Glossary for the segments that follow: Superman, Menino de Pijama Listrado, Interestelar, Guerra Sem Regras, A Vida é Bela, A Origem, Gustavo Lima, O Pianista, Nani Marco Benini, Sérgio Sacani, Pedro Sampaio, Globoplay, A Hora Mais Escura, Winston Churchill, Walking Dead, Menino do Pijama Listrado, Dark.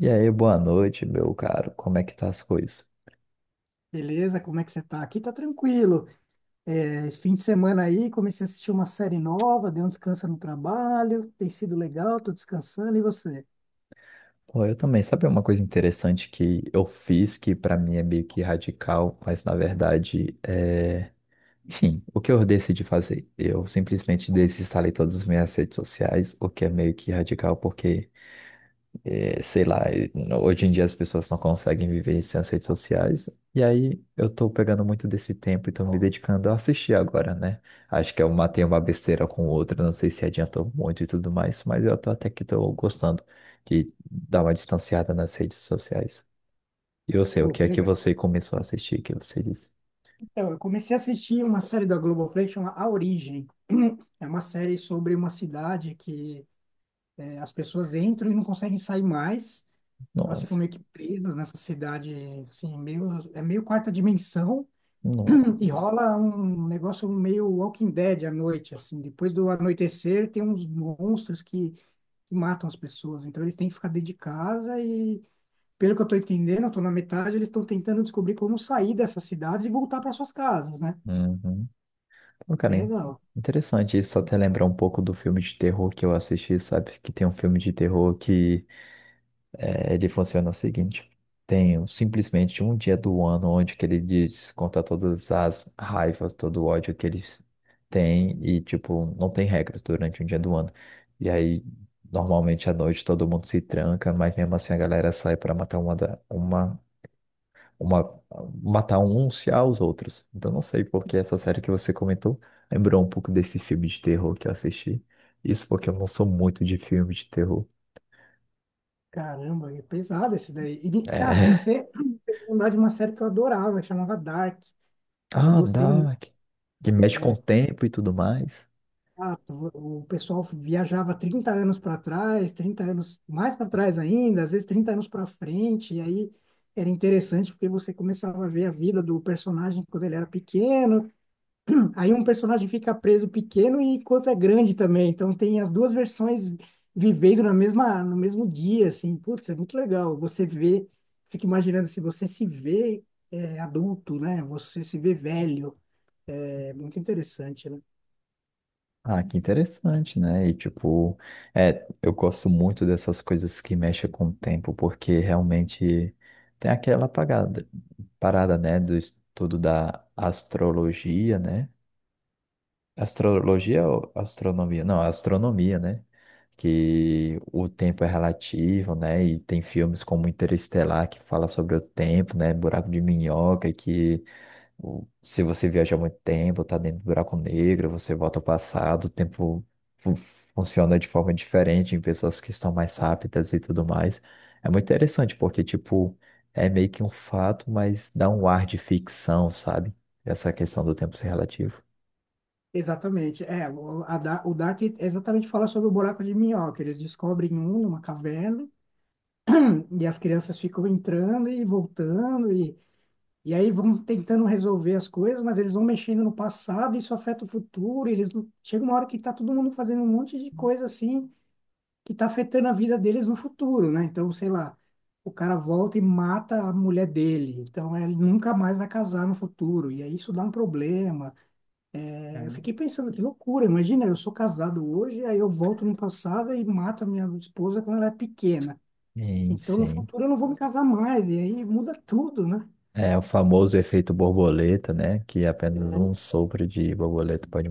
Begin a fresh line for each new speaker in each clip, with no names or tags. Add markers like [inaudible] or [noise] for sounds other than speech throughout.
E aí, boa noite, meu caro. Como é que tá as coisas?
Beleza, como é que você tá? Aqui tá tranquilo. É, esse fim de semana aí comecei a assistir uma série nova, dei um descanso no trabalho, tem sido legal, tô descansando, e você?
Pô, eu também. Sabe uma coisa interessante que eu fiz que pra mim é meio que radical, mas na verdade é. Enfim, o que eu decidi fazer? Eu simplesmente desinstalei todas as minhas redes sociais, o que é meio que radical porque é, sei lá, hoje em dia as pessoas não conseguem viver sem as redes sociais. E aí eu tô pegando muito desse tempo e tô me dedicando a assistir agora, né? Acho que eu matei uma besteira com outra, não sei se adiantou muito e tudo mais, mas eu tô até que tô gostando de dar uma distanciada nas redes sociais. E você, o
Pô,
que
que
é que
legal.
você começou a assistir que você disse?
Então, eu comecei a assistir uma série da Globoplay chama A Origem. [clears throat] É uma série sobre uma cidade que é, as pessoas entram e não conseguem sair mais. Elas ficam
Nossa,
meio que presas nessa cidade, assim, meio, é meio quarta dimensão.
não.
E rola um negócio meio Walking Dead à noite, assim. Depois do anoitecer, tem uns monstros que matam as pessoas. Então eles têm que ficar dentro de casa e, pelo que eu estou entendendo, eu estou na metade, eles estão tentando descobrir como sair dessas cidades e voltar para suas casas, né?
Uhum. Pô, cara,
Bem
in-
legal.
interessante isso, até lembrar um pouco do filme de terror que eu assisti, sabe? Que tem um filme de terror que é. Ele funciona o seguinte: simplesmente um dia do ano onde que ele desconta todas as raivas, todo o ódio que eles têm e, tipo, não tem regras durante um dia do ano. E aí, normalmente à noite todo mundo se tranca, mas mesmo assim a galera sai para matar uma, da- uma, matar uns aos outros. Então não sei porque essa série que você comentou lembrou um pouco desse filme de terror que eu assisti. Isso porque eu não sou muito de filme de terror.
Caramba, é pesado esse daí. E ah,
É.
você lembrar de uma série que eu adorava, que chamava Dark. Eu
Ah,
gostei muito.
dá. Que mexe com o
É,
tempo e tudo mais.
ah, o o pessoal viajava 30 anos para trás, 30 anos mais para trás ainda, às vezes 30 anos para frente, e aí era interessante porque você começava a ver a vida do personagem quando ele era pequeno. Aí um personagem fica preso pequeno e quanto é grande também. Então tem as duas versões vivendo na mesma, no mesmo dia, assim. Putz, é muito legal. Você vê, fica imaginando se você se vê adulto, né? Você se vê velho. É muito interessante, né?
Ah, que interessante, né? E tipo, é, eu gosto muito dessas coisas que mexem com o tempo, porque realmente tem parada, né, do estudo da astrologia, né? Astrologia ou astronomia? Não, astronomia, né? Que o tempo é relativo, né? E tem filmes como Interestelar que fala sobre o tempo, né? Buraco de minhoca, que ou se você viaja muito tempo, tá dentro do buraco negro, você volta ao passado, o tempo fu- funciona de forma diferente em pessoas que estão mais rápidas e tudo mais. É muito interessante, porque, tipo, é meio que um fato, mas dá um ar de ficção, sabe? Essa questão do tempo ser relativo.
Exatamente. O Dark é exatamente fala sobre o buraco de minhoca. Eles descobrem um numa caverna e as crianças ficam entrando e voltando. E aí vão tentando resolver as coisas, mas eles vão mexendo no passado, isso afeta o futuro, e eles não. Chega uma hora que tá todo mundo fazendo um monte de coisa assim que tá afetando a vida deles no futuro, né? Então, sei lá, o cara volta e mata a mulher dele, então é, ele nunca mais vai casar no futuro, e aí isso dá um problema.
É.
É, eu fiquei pensando, que loucura, imagina, eu sou casado hoje, aí eu volto no passado e mato a minha esposa quando ela é pequena.
Sim,
Então, no
sim.
futuro eu não vou me casar mais, e aí muda tudo, né?
É o famoso efeito borboleta, né? Que apenas um sopro de borboleta pode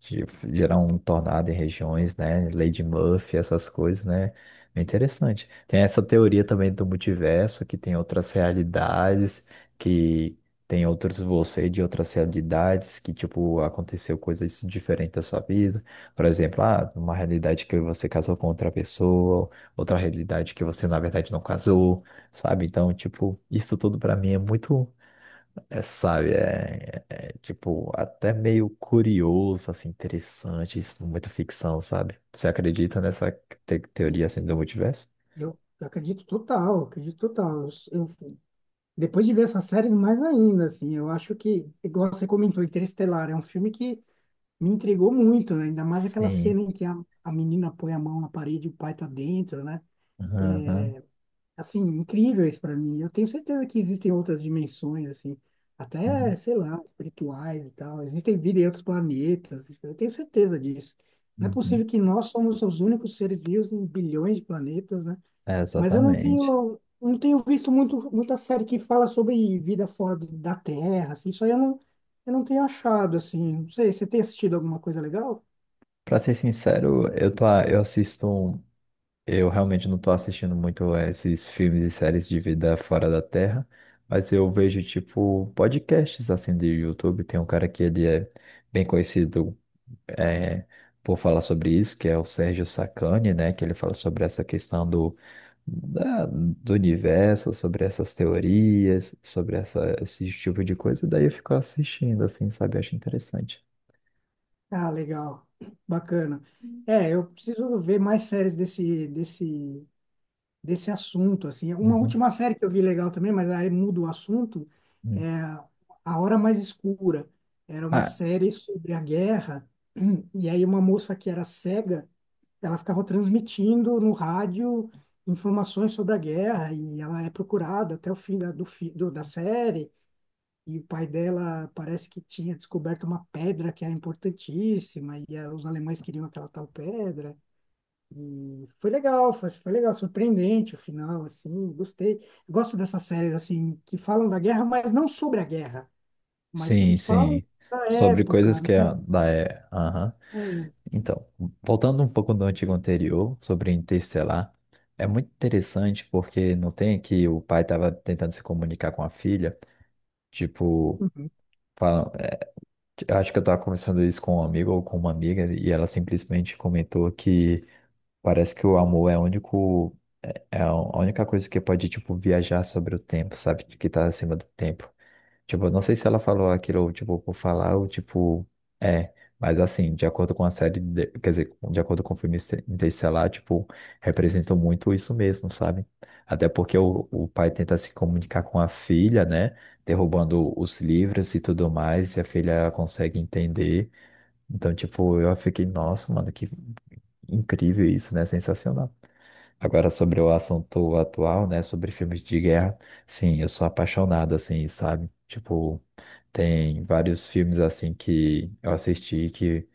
ge- gerar um tornado em regiões, né? Lei de Murphy, essas coisas, né? É interessante. Tem essa teoria também do multiverso, que tem outras realidades, que tem outros você de outras realidades, que, tipo, aconteceu coisas diferentes da sua vida. Por exemplo, ah, uma realidade que você casou com outra pessoa, outra realidade que você, na verdade, não casou. Sabe? Então, tipo, isso tudo pra mim é muito, tipo, até meio curioso, assim, interessante, isso, muita ficção, sabe? Você acredita nessa teoria, assim, do multiverso?
Eu acredito total, acredito total. Depois de ver essas séries, mais ainda, assim, eu acho que, igual você comentou, Interestelar, é um filme que me intrigou muito, né? Ainda mais aquela
Sim.
cena em que a menina põe a mão na parede e o pai tá dentro, né?
Aham.
Assim, incrível isso para mim. Eu tenho certeza que existem outras dimensões, assim, até,
Uhum.
sei lá, espirituais e tal. Existem vida em outros planetas, eu tenho certeza disso. Não é
Uhum.
possível que nós somos os únicos seres vivos em bilhões de planetas, né?
É,
Mas eu não
exatamente.
tenho, não tenho visto muito, muita série que fala sobre vida fora do- da Terra, assim. Isso aí eu não tenho achado, assim. Não sei, você tem assistido alguma coisa legal?
Pra ser sincero, eu assisto. Eu realmente não tô assistindo muito esses filmes e séries de vida fora da Terra, mas eu vejo, tipo, podcasts assim de YouTube. Tem um cara que ele é bem conhecido, é, por falar sobre isso, que é o Sérgio Sacani, né? Que ele fala sobre essa questão do universo, sobre essas teorias, sobre essa, esse tipo de coisa. Daí eu fico assistindo, assim, sabe? Eu acho interessante.
Ah, legal. Bacana. É, eu preciso ver mais séries desse assunto, assim. Uma
Uhum,
última série que eu vi legal também, mas aí muda o assunto,
uhum.
é A Hora Mais Escura. Era uma
Ah,
série sobre a guerra, [clears throat] e aí uma moça que era cega. Ela ficava transmitindo no rádio informações sobre a guerra e ela é procurada até o fim da, do, fi- do- da série. E o pai dela parece que tinha descoberto uma pedra que era importantíssima e os alemães queriam aquela tal pedra. E foi legal, foi legal, surpreendente o final, assim, gostei. Gosto dessas séries, assim, que falam da guerra, mas não sobre a guerra, mas que
sim,
falam
sim.
da
Sobre coisas
época,
que é
né?
da. É, aham.
É,
Então, voltando um pouco do antigo anterior, sobre Interestelar, é muito interessante porque não tem que o pai estava tentando se comunicar com a filha, tipo,
uhum,
fala- eu acho que eu estava conversando isso com um amigo ou com uma amiga, e ela simplesmente comentou que parece que o amor é o único, é a única coisa que pode, tipo, viajar sobre o tempo, sabe? Que está acima do tempo. Tipo, eu não sei se ela falou aquilo, tipo, por falar ou, tipo, é. Mas, assim, de acordo com a série, de- quer dizer, de acordo com o filme Interestelar, tipo, representou muito isso mesmo, sabe? Até porque o pai tenta se comunicar com a filha, né? Derrubando os livros e tudo mais, e a filha consegue entender. Então, tipo, eu fiquei, nossa, mano, que incrível isso, né? Sensacional. Agora, sobre o assunto atual, né? Sobre filmes de guerra, sim, eu sou apaixonado, assim, sabe? Tipo. Tem vários filmes assim que eu assisti que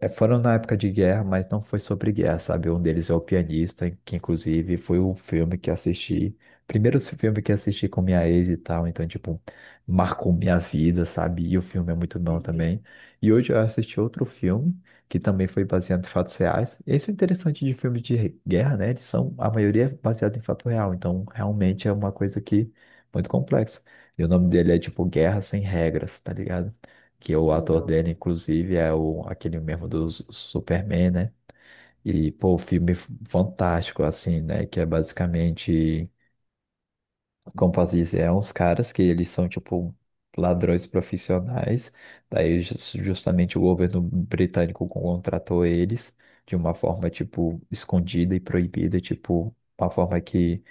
é, foram na época de guerra, mas não foi sobre guerra, sabe? Um deles é o pianista, que inclusive foi o filme que assisti, primeiro filme que assisti com minha ex e tal, então, tipo, marcou minha vida, sabe? E o filme é muito bom
entendi.
também. E hoje eu assisti outro filme, que também foi baseado em fatos reais. Esse é interessante de filmes de guerra, né? Eles são, a maioria é baseado em fato real, então realmente é uma coisa que muito complexa. E o nome dele é tipo Guerra Sem Regras, tá ligado? Que o ator
Legal,
dele, inclusive, é o, aquele mesmo do Superman, né? E, pô, fantástico, assim, né? Que é basicamente, como posso dizer, é uns caras que eles são, tipo, ladrões profissionais. Daí, justamente, o governo britânico contratou eles de uma forma, tipo, escondida e proibida, tipo, uma forma que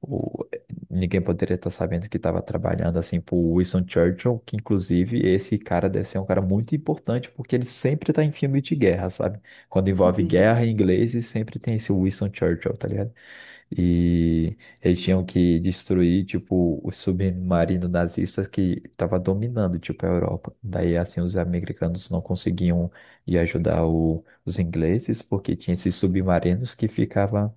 o- ninguém poderia estar sabendo que estava trabalhando assim pro Winston Churchill, que inclusive esse cara deve ser um cara muito importante, porque ele sempre tá em filme de guerra, sabe? Quando envolve
entendi.
guerra em inglês, e sempre tem esse Winston Churchill, tá ligado? E eles tinham que destruir, tipo, o submarino nazista que estava dominando, tipo, a Europa. Daí, assim, os americanos não conseguiam ir ajudar os ingleses, porque tinha esses submarinos que ficavam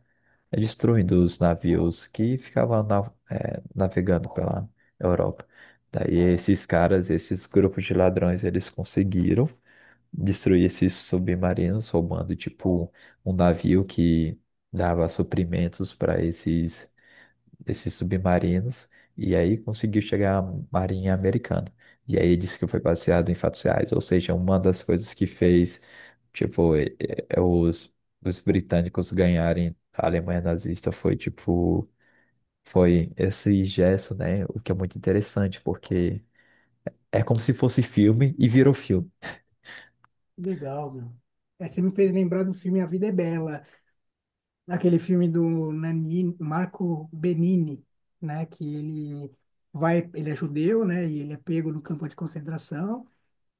é destruindo os navios que ficavam navegando pela Europa. Daí esses caras, esses grupos de ladrões, eles conseguiram destruir esses submarinos, roubando tipo um navio que dava suprimentos para esses desses submarinos e aí conseguiu chegar à Marinha Americana. E aí disse que foi baseado em fatos reais, ou seja, uma das coisas que fez, tipo, eh, os, os britânicos ganharem a Alemanha nazista foi, tipo, foi esse gesto, né? O que é muito interessante, porque é como se fosse filme e virou filme.
Que legal, meu. É, você me fez lembrar do filme A Vida é Bela, aquele filme do Nani Marco Benini, né? Que ele vai, ele é judeu, né? E ele é pego no campo de concentração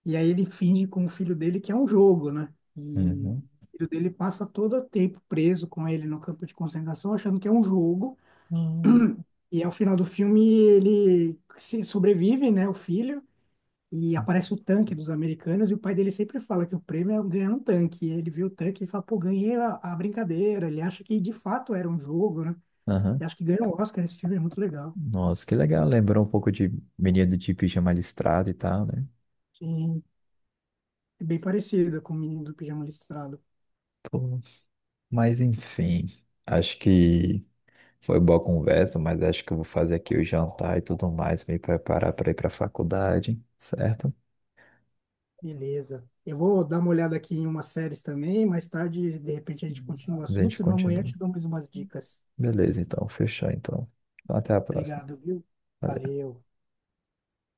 e aí ele finge com o filho dele que é um jogo, né? E
Uhum.
o filho dele passa todo o tempo preso com ele no campo de concentração, achando que é um jogo.
Hum.
E ao final do filme ele se sobrevive, né? O filho. E aparece o tanque dos americanos e o pai dele sempre fala que o prêmio é ganhar um tanque. E ele vê o tanque e fala, pô, ganhei a brincadeira. Ele acha que de fato era um jogo, né? E
Aham.
acho que ganhou o Oscar. Esse filme é muito legal.
Nossa, que legal. Lembrou um pouco de Menino de Pijama Listrado e tal, né?
E é bem parecido com o Menino do Pijama Listrado.
Pô. Mas enfim, acho que foi boa conversa, mas acho que eu vou fazer aqui o jantar e tudo mais, me preparar para ir para a faculdade, certo?
Beleza. Eu vou dar uma olhada aqui em umas séries também. Mais tarde, de repente, a gente continua o
A
assunto.
gente
Senão amanhã eu
continua.
te dou mais umas dicas.
Beleza, então, fechou então. Então, até a próxima.
Obrigado, viu?
Valeu.
Valeu.